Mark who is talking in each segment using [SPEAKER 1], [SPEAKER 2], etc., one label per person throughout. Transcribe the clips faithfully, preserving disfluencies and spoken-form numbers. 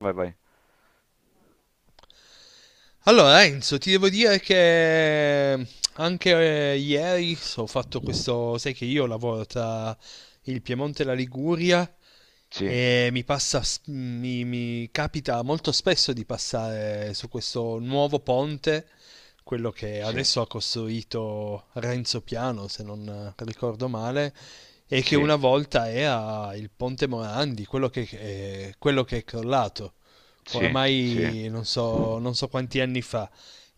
[SPEAKER 1] Vai, vai.
[SPEAKER 2] Allora Enzo, ti devo dire che anche eh, ieri so- ho fatto questo. Sai che io lavoro tra il Piemonte e la Liguria
[SPEAKER 1] Sì,
[SPEAKER 2] e mi passa, s- mi, mi capita molto spesso di passare su questo nuovo ponte, quello che
[SPEAKER 1] sì,
[SPEAKER 2] adesso ha costruito Renzo Piano, se non ricordo male, e che
[SPEAKER 1] sì,
[SPEAKER 2] una volta era il Ponte Morandi, quello che, eh, quello che è crollato
[SPEAKER 1] sì, sì.
[SPEAKER 2] oramai non so, non so quanti anni fa.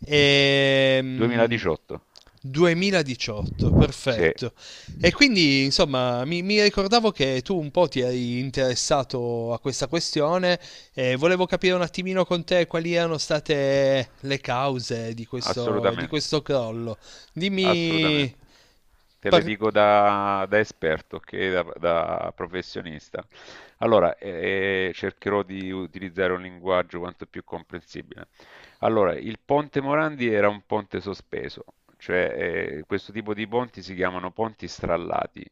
[SPEAKER 2] Ehm,
[SPEAKER 1] duemiladiciotto.
[SPEAKER 2] duemiladiciotto,
[SPEAKER 1] Sì,
[SPEAKER 2] perfetto. E quindi, insomma, mi, mi ricordavo che tu un po' ti eri interessato a questa questione e volevo capire un attimino con te quali erano state le cause di questo, di
[SPEAKER 1] assolutamente,
[SPEAKER 2] questo crollo. Dimmi,
[SPEAKER 1] assolutamente. Te le
[SPEAKER 2] par-
[SPEAKER 1] dico da, da esperto che da, da professionista. Allora, eh, cercherò di utilizzare un linguaggio quanto più comprensibile. Allora, il ponte Morandi era un ponte sospeso, cioè eh, questo tipo di ponti si chiamano ponti strallati.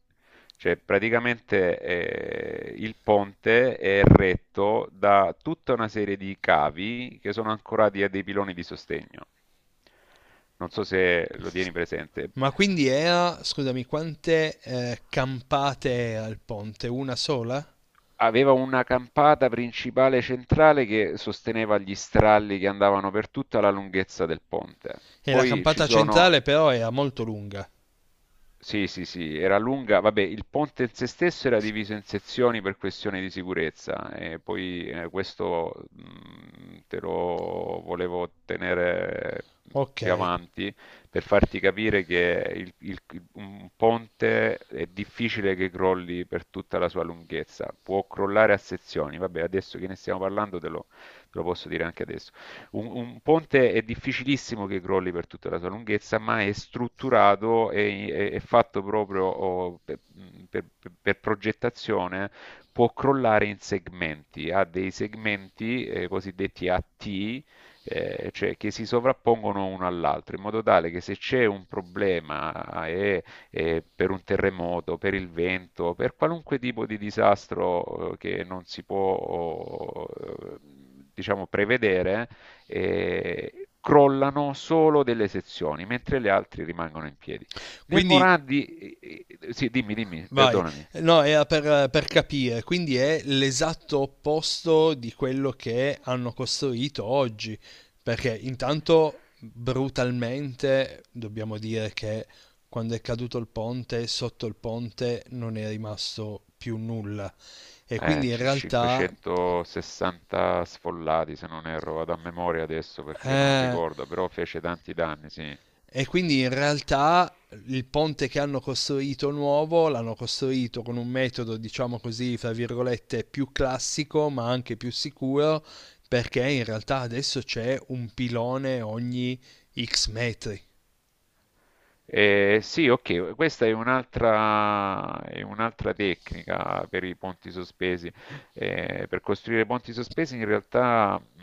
[SPEAKER 1] Cioè, praticamente eh, il ponte è retto da tutta una serie di cavi che sono ancorati a dei piloni di sostegno. Non so se lo tieni presente.
[SPEAKER 2] ma quindi era, scusami, quante eh, campate al ponte? Una sola?
[SPEAKER 1] Aveva una campata principale centrale che sosteneva gli stralli che andavano per tutta la lunghezza del ponte.
[SPEAKER 2] E la
[SPEAKER 1] Poi ci
[SPEAKER 2] campata
[SPEAKER 1] sono.
[SPEAKER 2] centrale però era molto lunga.
[SPEAKER 1] Sì, sì, sì, era lunga, vabbè, il ponte in sé stesso era diviso in sezioni per questioni di sicurezza e poi eh, questo mh, te lo volevo tenere
[SPEAKER 2] Ok,
[SPEAKER 1] più avanti per farti capire che il- il- un ponte è difficile che crolli per tutta la sua lunghezza, può crollare a sezioni. Vabbè, adesso che ne stiamo parlando te lo te lo posso dire anche adesso, un, un ponte è difficilissimo che crolli per tutta la sua lunghezza, ma è strutturato e è, è fatto proprio oh, per, per- per progettazione, può crollare in segmenti, ha dei segmenti eh, cosiddetti a T, eh, cioè che si sovrappongono uno all'altro, in modo tale che se c'è un problema eh, eh, per un terremoto, per il vento, per qualunque tipo di disastro eh, che non si può, eh, diciamo, prevedere, eh, crollano solo delle sezioni, mentre le altre rimangono in piedi. Nel
[SPEAKER 2] quindi
[SPEAKER 1] Morandi. Eh, eh, sì, dimmi, dimmi,
[SPEAKER 2] vai.
[SPEAKER 1] perdonami.
[SPEAKER 2] No, era per, per capire. Quindi è l'esatto opposto di quello che hanno costruito oggi, perché intanto brutalmente dobbiamo dire che quando è caduto il ponte, sotto il ponte non è rimasto più nulla e
[SPEAKER 1] Eh,
[SPEAKER 2] quindi in
[SPEAKER 1] c-
[SPEAKER 2] realtà
[SPEAKER 1] cinquecentosessanta sfollati, se non erro, vado a memoria adesso perché non
[SPEAKER 2] eh,
[SPEAKER 1] ricordo, però fece tanti danni, sì.
[SPEAKER 2] e quindi in realtà il ponte che hanno costruito nuovo l'hanno costruito con un metodo, diciamo così, fra virgolette, più classico, ma anche più sicuro, perché in realtà adesso c'è un pilone ogni X metri.
[SPEAKER 1] Eh, sì, ok, questa è un'altra è un'altra tecnica per i ponti sospesi. Eh, per costruire ponti sospesi in realtà, mh,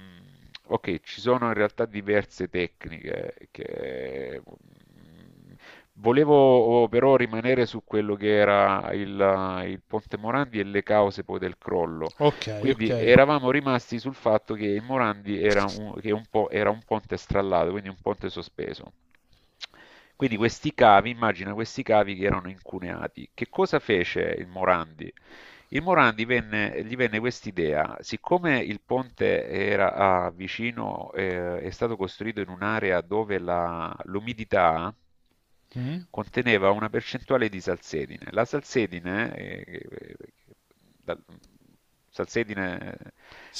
[SPEAKER 1] ok, ci sono in realtà diverse tecniche che... mh, volevo oh, però rimanere su quello che era il, il Ponte Morandi e le cause poi del crollo.
[SPEAKER 2] Ok,
[SPEAKER 1] Quindi
[SPEAKER 2] ok.
[SPEAKER 1] eravamo rimasti sul fatto che il Morandi era un, che un po', era un ponte strallato, quindi un ponte sospeso. Quindi questi cavi, immagina questi cavi che erano incuneati. Che cosa fece il Morandi? Il Moran divenne Gli venne quest'idea: siccome il ponte era ah, vicino, eh, è stato costruito in un'area dove la- l'umidità
[SPEAKER 2] Mm?
[SPEAKER 1] conteneva una percentuale di salsedine. La salsedine, eh, eh, da- salsedine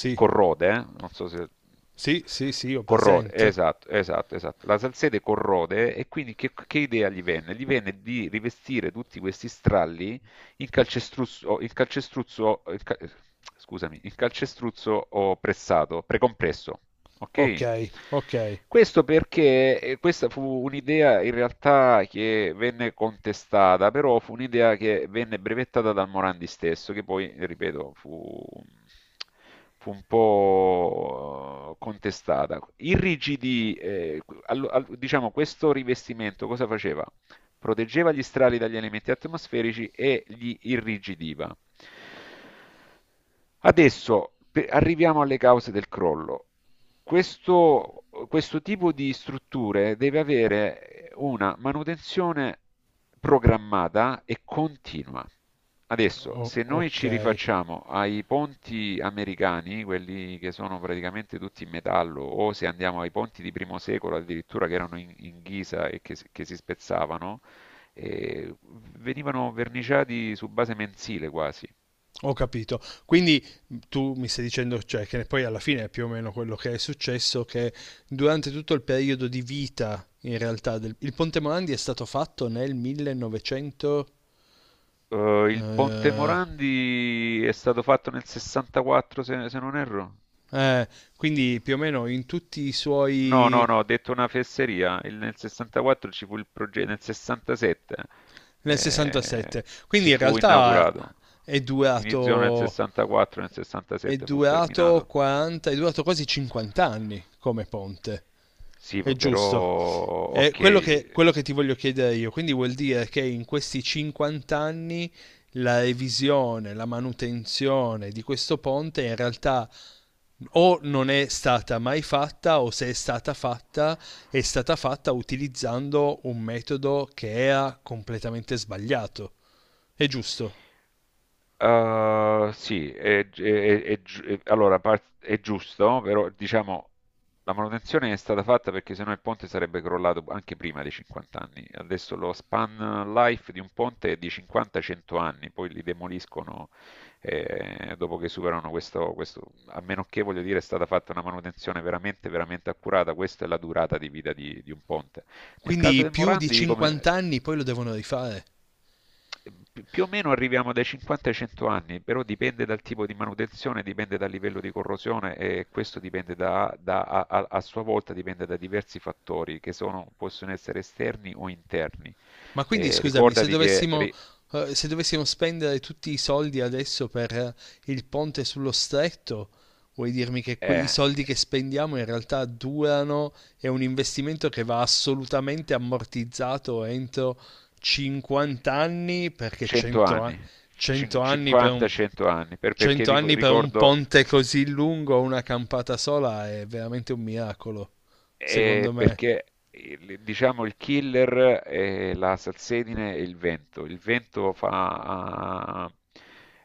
[SPEAKER 1] eh, corrode, eh, non so se...
[SPEAKER 2] sì, sì, sì, ho
[SPEAKER 1] Corrode,
[SPEAKER 2] presente.
[SPEAKER 1] esatto, esatto, esatto. La salsete corrode e quindi che, che idea gli venne? Gli venne di rivestire tutti questi stralli il calcestruzzo, il calcestruzzo, il ca- scusami, il calcestruzzo o pressato, precompresso,
[SPEAKER 2] Ok,
[SPEAKER 1] ok?
[SPEAKER 2] ok.
[SPEAKER 1] Questo perché eh, questa fu un'idea in realtà che venne contestata, però fu un'idea che venne brevettata dal Morandi stesso, che poi, ripeto, fu, fu un po' eh, contestata. Irrigidì, eh, allo- al- diciamo, questo rivestimento cosa faceva? Proteggeva gli strali dagli elementi atmosferici e li irrigidiva. Adesso pe- arriviamo alle cause del crollo. Questo, questo tipo di strutture deve avere una manutenzione programmata e continua. Adesso,
[SPEAKER 2] O-
[SPEAKER 1] se noi
[SPEAKER 2] ok.
[SPEAKER 1] ci rifacciamo ai ponti americani, quelli che sono praticamente tutti in metallo, o se andiamo ai ponti di primo secolo addirittura che erano in, in ghisa e che, si- che si spezzavano, eh, venivano verniciati su base mensile quasi.
[SPEAKER 2] Ho capito. Quindi mm, tu mi stai dicendo, cioè, che poi alla fine è più o meno quello che è successo, che durante tutto il periodo di vita, in realtà, del... il Ponte Morandi è stato fatto nel millenovecento...
[SPEAKER 1] Eh, il Ponte
[SPEAKER 2] eh,
[SPEAKER 1] Morandi è stato fatto nel sessantaquattro, se, se non erro.
[SPEAKER 2] eh, quindi più o meno in tutti i
[SPEAKER 1] No,
[SPEAKER 2] suoi...
[SPEAKER 1] no, no, ho detto una fesseria. Il- nel sessantaquattro ci fu il progetto, nel sessantasette
[SPEAKER 2] nel sessantasette.
[SPEAKER 1] eh,
[SPEAKER 2] Quindi
[SPEAKER 1] si
[SPEAKER 2] in
[SPEAKER 1] fu
[SPEAKER 2] realtà
[SPEAKER 1] inaugurato.
[SPEAKER 2] è
[SPEAKER 1] Iniziò nel
[SPEAKER 2] durato
[SPEAKER 1] sessantaquattro, nel
[SPEAKER 2] È
[SPEAKER 1] sessantasette fu
[SPEAKER 2] durato
[SPEAKER 1] terminato.
[SPEAKER 2] quaranta, è durato quasi cinquanta anni come ponte.
[SPEAKER 1] Sì,
[SPEAKER 2] È
[SPEAKER 1] però,
[SPEAKER 2] giusto. È quello che,
[SPEAKER 1] ok.
[SPEAKER 2] quello che ti voglio chiedere io, quindi vuol dire che in questi cinquanta anni la revisione, la manutenzione di questo ponte in realtà o non è stata mai fatta o se è stata fatta è stata fatta utilizzando un metodo che era completamente sbagliato. È giusto.
[SPEAKER 1] Uh, sì, è, gi- è- è gi- è- allora par- è giusto, però diciamo la manutenzione è stata fatta perché sennò il ponte sarebbe crollato anche prima dei cinquanta anni. Adesso lo span life di un ponte è di cinquanta cento anni, poi li demoliscono eh, dopo che superano questo, questo- a meno che voglio dire è stata fatta una manutenzione veramente, veramente accurata, questa è la durata di vita di, di un ponte. Nel caso
[SPEAKER 2] Quindi
[SPEAKER 1] del
[SPEAKER 2] più di
[SPEAKER 1] Morandi,
[SPEAKER 2] cinquanta
[SPEAKER 1] come...
[SPEAKER 2] anni poi lo devono rifare.
[SPEAKER 1] Pi- Più o meno arriviamo dai cinquanta ai cento anni, però dipende dal tipo di manutenzione, dipende dal livello di corrosione e questo dipende da, da- a, a- a sua volta dipende da diversi fattori che sono- possono essere esterni o interni.
[SPEAKER 2] Ma quindi
[SPEAKER 1] Eh,
[SPEAKER 2] scusami, se
[SPEAKER 1] ricordati che
[SPEAKER 2] dovessimo,
[SPEAKER 1] ri-
[SPEAKER 2] eh, se dovessimo spendere tutti i soldi adesso per eh, il ponte sullo stretto, vuoi dirmi che que- i
[SPEAKER 1] eh,
[SPEAKER 2] soldi che spendiamo in realtà durano, è un investimento che va assolutamente ammortizzato entro cinquanta anni, perché
[SPEAKER 1] cento
[SPEAKER 2] cento, a-
[SPEAKER 1] anni,
[SPEAKER 2] cento anni per un,
[SPEAKER 1] cinquanta cento anni, per- perché
[SPEAKER 2] cento
[SPEAKER 1] ti-
[SPEAKER 2] anni per un
[SPEAKER 1] ricordo.
[SPEAKER 2] ponte così lungo, una campata sola, è veramente un miracolo, secondo
[SPEAKER 1] Eh,
[SPEAKER 2] me.
[SPEAKER 1] perché il- diciamo il killer è la salsedine e il vento. Il vento fa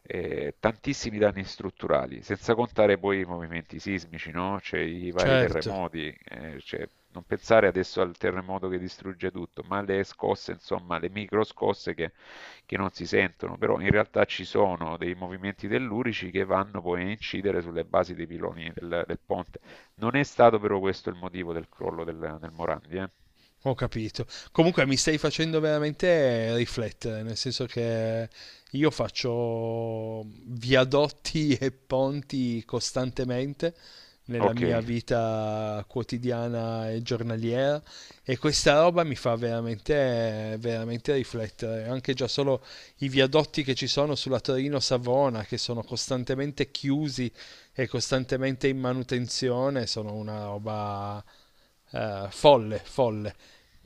[SPEAKER 1] eh, tantissimi danni strutturali, senza contare poi i movimenti sismici, no? C'è I vari
[SPEAKER 2] Certo.
[SPEAKER 1] terremoti, eh, c'è- non pensare adesso al terremoto che distrugge tutto, ma alle scosse, insomma, le micro scosse che, che non si sentono, però in realtà ci sono dei movimenti tellurici che vanno poi a incidere sulle basi dei piloni del del ponte. Non è stato però questo il motivo del crollo del, del Morandi, eh.
[SPEAKER 2] Ho capito. Comunque mi stai facendo veramente riflettere, nel senso che io faccio viadotti e ponti costantemente nella
[SPEAKER 1] Ok.
[SPEAKER 2] mia vita quotidiana e giornaliera e questa roba mi fa veramente, veramente riflettere. Anche già solo i viadotti che ci sono sulla Torino-Savona, che sono costantemente chiusi e costantemente in manutenzione, sono una roba eh, folle, folle.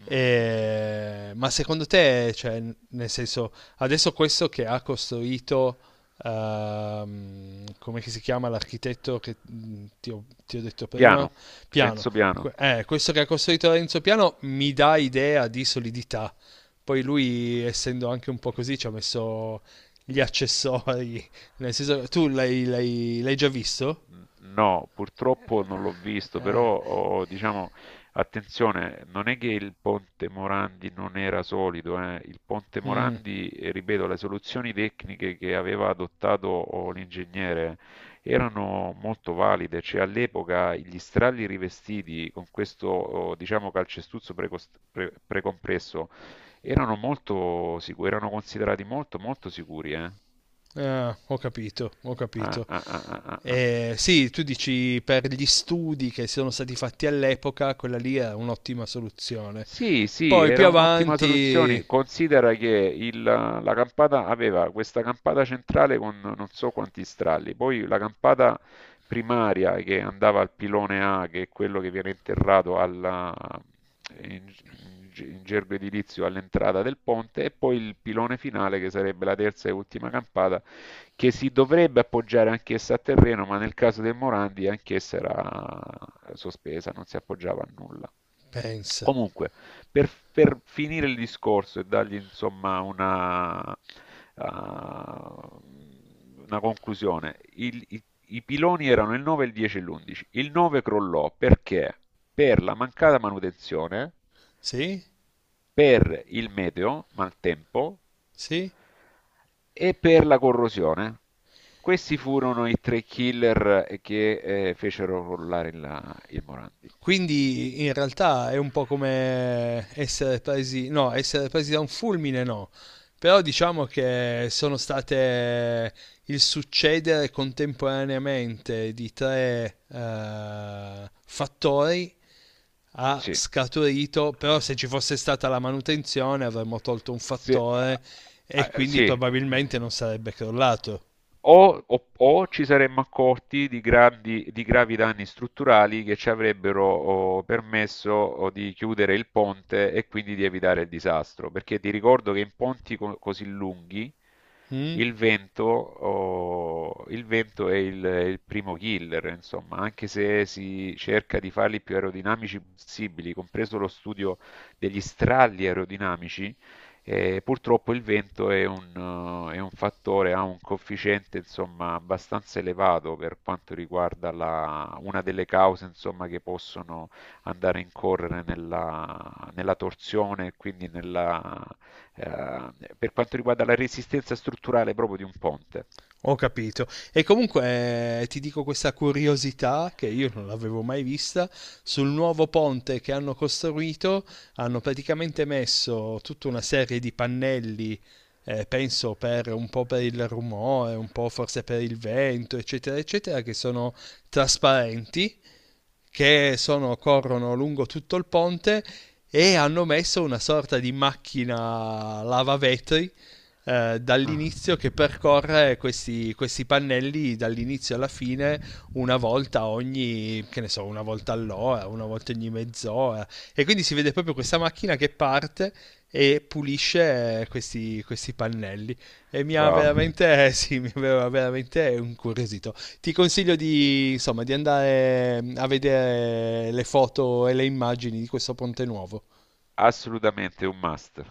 [SPEAKER 1] Mm, mm, mm.
[SPEAKER 2] E- ma secondo te, cioè, nel senso, adesso questo che ha costruito, ehm, come che si chiama l'architetto che mm, ti ho, ti ho detto prima?
[SPEAKER 1] Piano,
[SPEAKER 2] Piano.
[SPEAKER 1] Renzo Piano.
[SPEAKER 2] Que- eh, questo che ha costruito Renzo Piano mi dà idea di solidità. Poi lui, essendo anche un po' così, ci ha messo gli accessori. Nel senso, tu l'hai l'hai- l'hai già visto?
[SPEAKER 1] No, purtroppo non l'ho visto,
[SPEAKER 2] Eh,
[SPEAKER 1] però oh, diciamo, attenzione, non è che il ponte Morandi non era solido, eh. Il ponte
[SPEAKER 2] mm,
[SPEAKER 1] Morandi, eh, ripeto, le soluzioni tecniche che aveva adottato oh, l'ingegnere erano molto valide, cioè all'epoca gli strali rivestiti con questo, oh, diciamo, calcestuzzo precost- pre- precompresso erano molto sicuri, erano considerati molto molto sicuri, eh.
[SPEAKER 2] ah, ho capito, ho
[SPEAKER 1] Ah,
[SPEAKER 2] capito.
[SPEAKER 1] ah, ah, ah, ah, ah.
[SPEAKER 2] Eh, sì, tu dici per gli studi che sono stati fatti all'epoca, quella lì è un'ottima soluzione.
[SPEAKER 1] Sì, sì,
[SPEAKER 2] Poi più
[SPEAKER 1] era un'ottima
[SPEAKER 2] avanti,
[SPEAKER 1] soluzione. Considera che il- la campata aveva questa campata centrale con non so quanti stralli, poi la campata primaria che andava al pilone A, che è quello che viene interrato alla- in, in ge- in gergo edilizio all'entrata del ponte, e poi il pilone finale che sarebbe la terza e ultima campata, che si dovrebbe appoggiare anch'essa a terreno, ma nel caso del Morandi anch'essa era sospesa, non si appoggiava a nulla.
[SPEAKER 2] pensa.
[SPEAKER 1] Comunque, per, per finire il discorso e dargli insomma una, ah, una conclusione, il- i, i piloni erano il nove, il dieci e l'undici. Il nove crollò perché? Per la mancata manutenzione,
[SPEAKER 2] Sì?
[SPEAKER 1] per il meteo, maltempo,
[SPEAKER 2] Sì?
[SPEAKER 1] e per la corrosione. Questi furono i tre killer che eh, fecero crollare il, il Morandi.
[SPEAKER 2] Quindi in realtà è un po' come essere presi, no, essere presi da un fulmine no, però diciamo che sono state il succedere contemporaneamente di tre eh, fattori ha
[SPEAKER 1] Sì.
[SPEAKER 2] scaturito, però se ci fosse stata la manutenzione avremmo tolto un
[SPEAKER 1] Sì,
[SPEAKER 2] fattore e
[SPEAKER 1] ah, ah,
[SPEAKER 2] quindi
[SPEAKER 1] sì.
[SPEAKER 2] probabilmente non sarebbe crollato.
[SPEAKER 1] O, o- o ci saremmo accorti di grandi- di gravi danni strutturali che ci avrebbero oh, permesso oh, di chiudere il ponte e quindi di evitare il disastro. Perché ti ricordo che in ponti co- così lunghi
[SPEAKER 2] Mm?
[SPEAKER 1] il vento, oh, il vento è il, il primo killer, insomma, anche se si cerca di farli più aerodinamici possibili, compreso lo studio degli stralli aerodinamici. E purtroppo il vento è un, eh, è un fattore, ha un coefficiente insomma abbastanza elevato per quanto riguarda la- una delle cause insomma che possono andare a incorrere nella, nella torsione e quindi nella, eh, per quanto riguarda la resistenza strutturale proprio di un ponte.
[SPEAKER 2] Ho capito. E comunque eh, ti dico questa curiosità che io non l'avevo mai vista. Sul nuovo ponte che hanno costruito hanno praticamente messo tutta una serie di pannelli, eh, penso per un po' per il rumore, un po' forse per il vento, eccetera, eccetera, che sono trasparenti, che sono- corrono lungo tutto il ponte, e hanno messo una sorta di macchina lavavetri eh,
[SPEAKER 1] Ah,
[SPEAKER 2] dall'inizio, che percorre questi, questi pannelli dall'inizio alla fine una volta ogni, che ne so, una volta all'ora, una volta ogni mezz'ora. E quindi si vede proprio questa macchina che parte e pulisce eh, questi, questi pannelli. E mi ha
[SPEAKER 1] wow,
[SPEAKER 2] veramente, sì, mi aveva veramente incuriosito. Ti consiglio di, insomma, di andare a vedere le foto e le immagini di questo ponte nuovo.
[SPEAKER 1] assolutamente un must.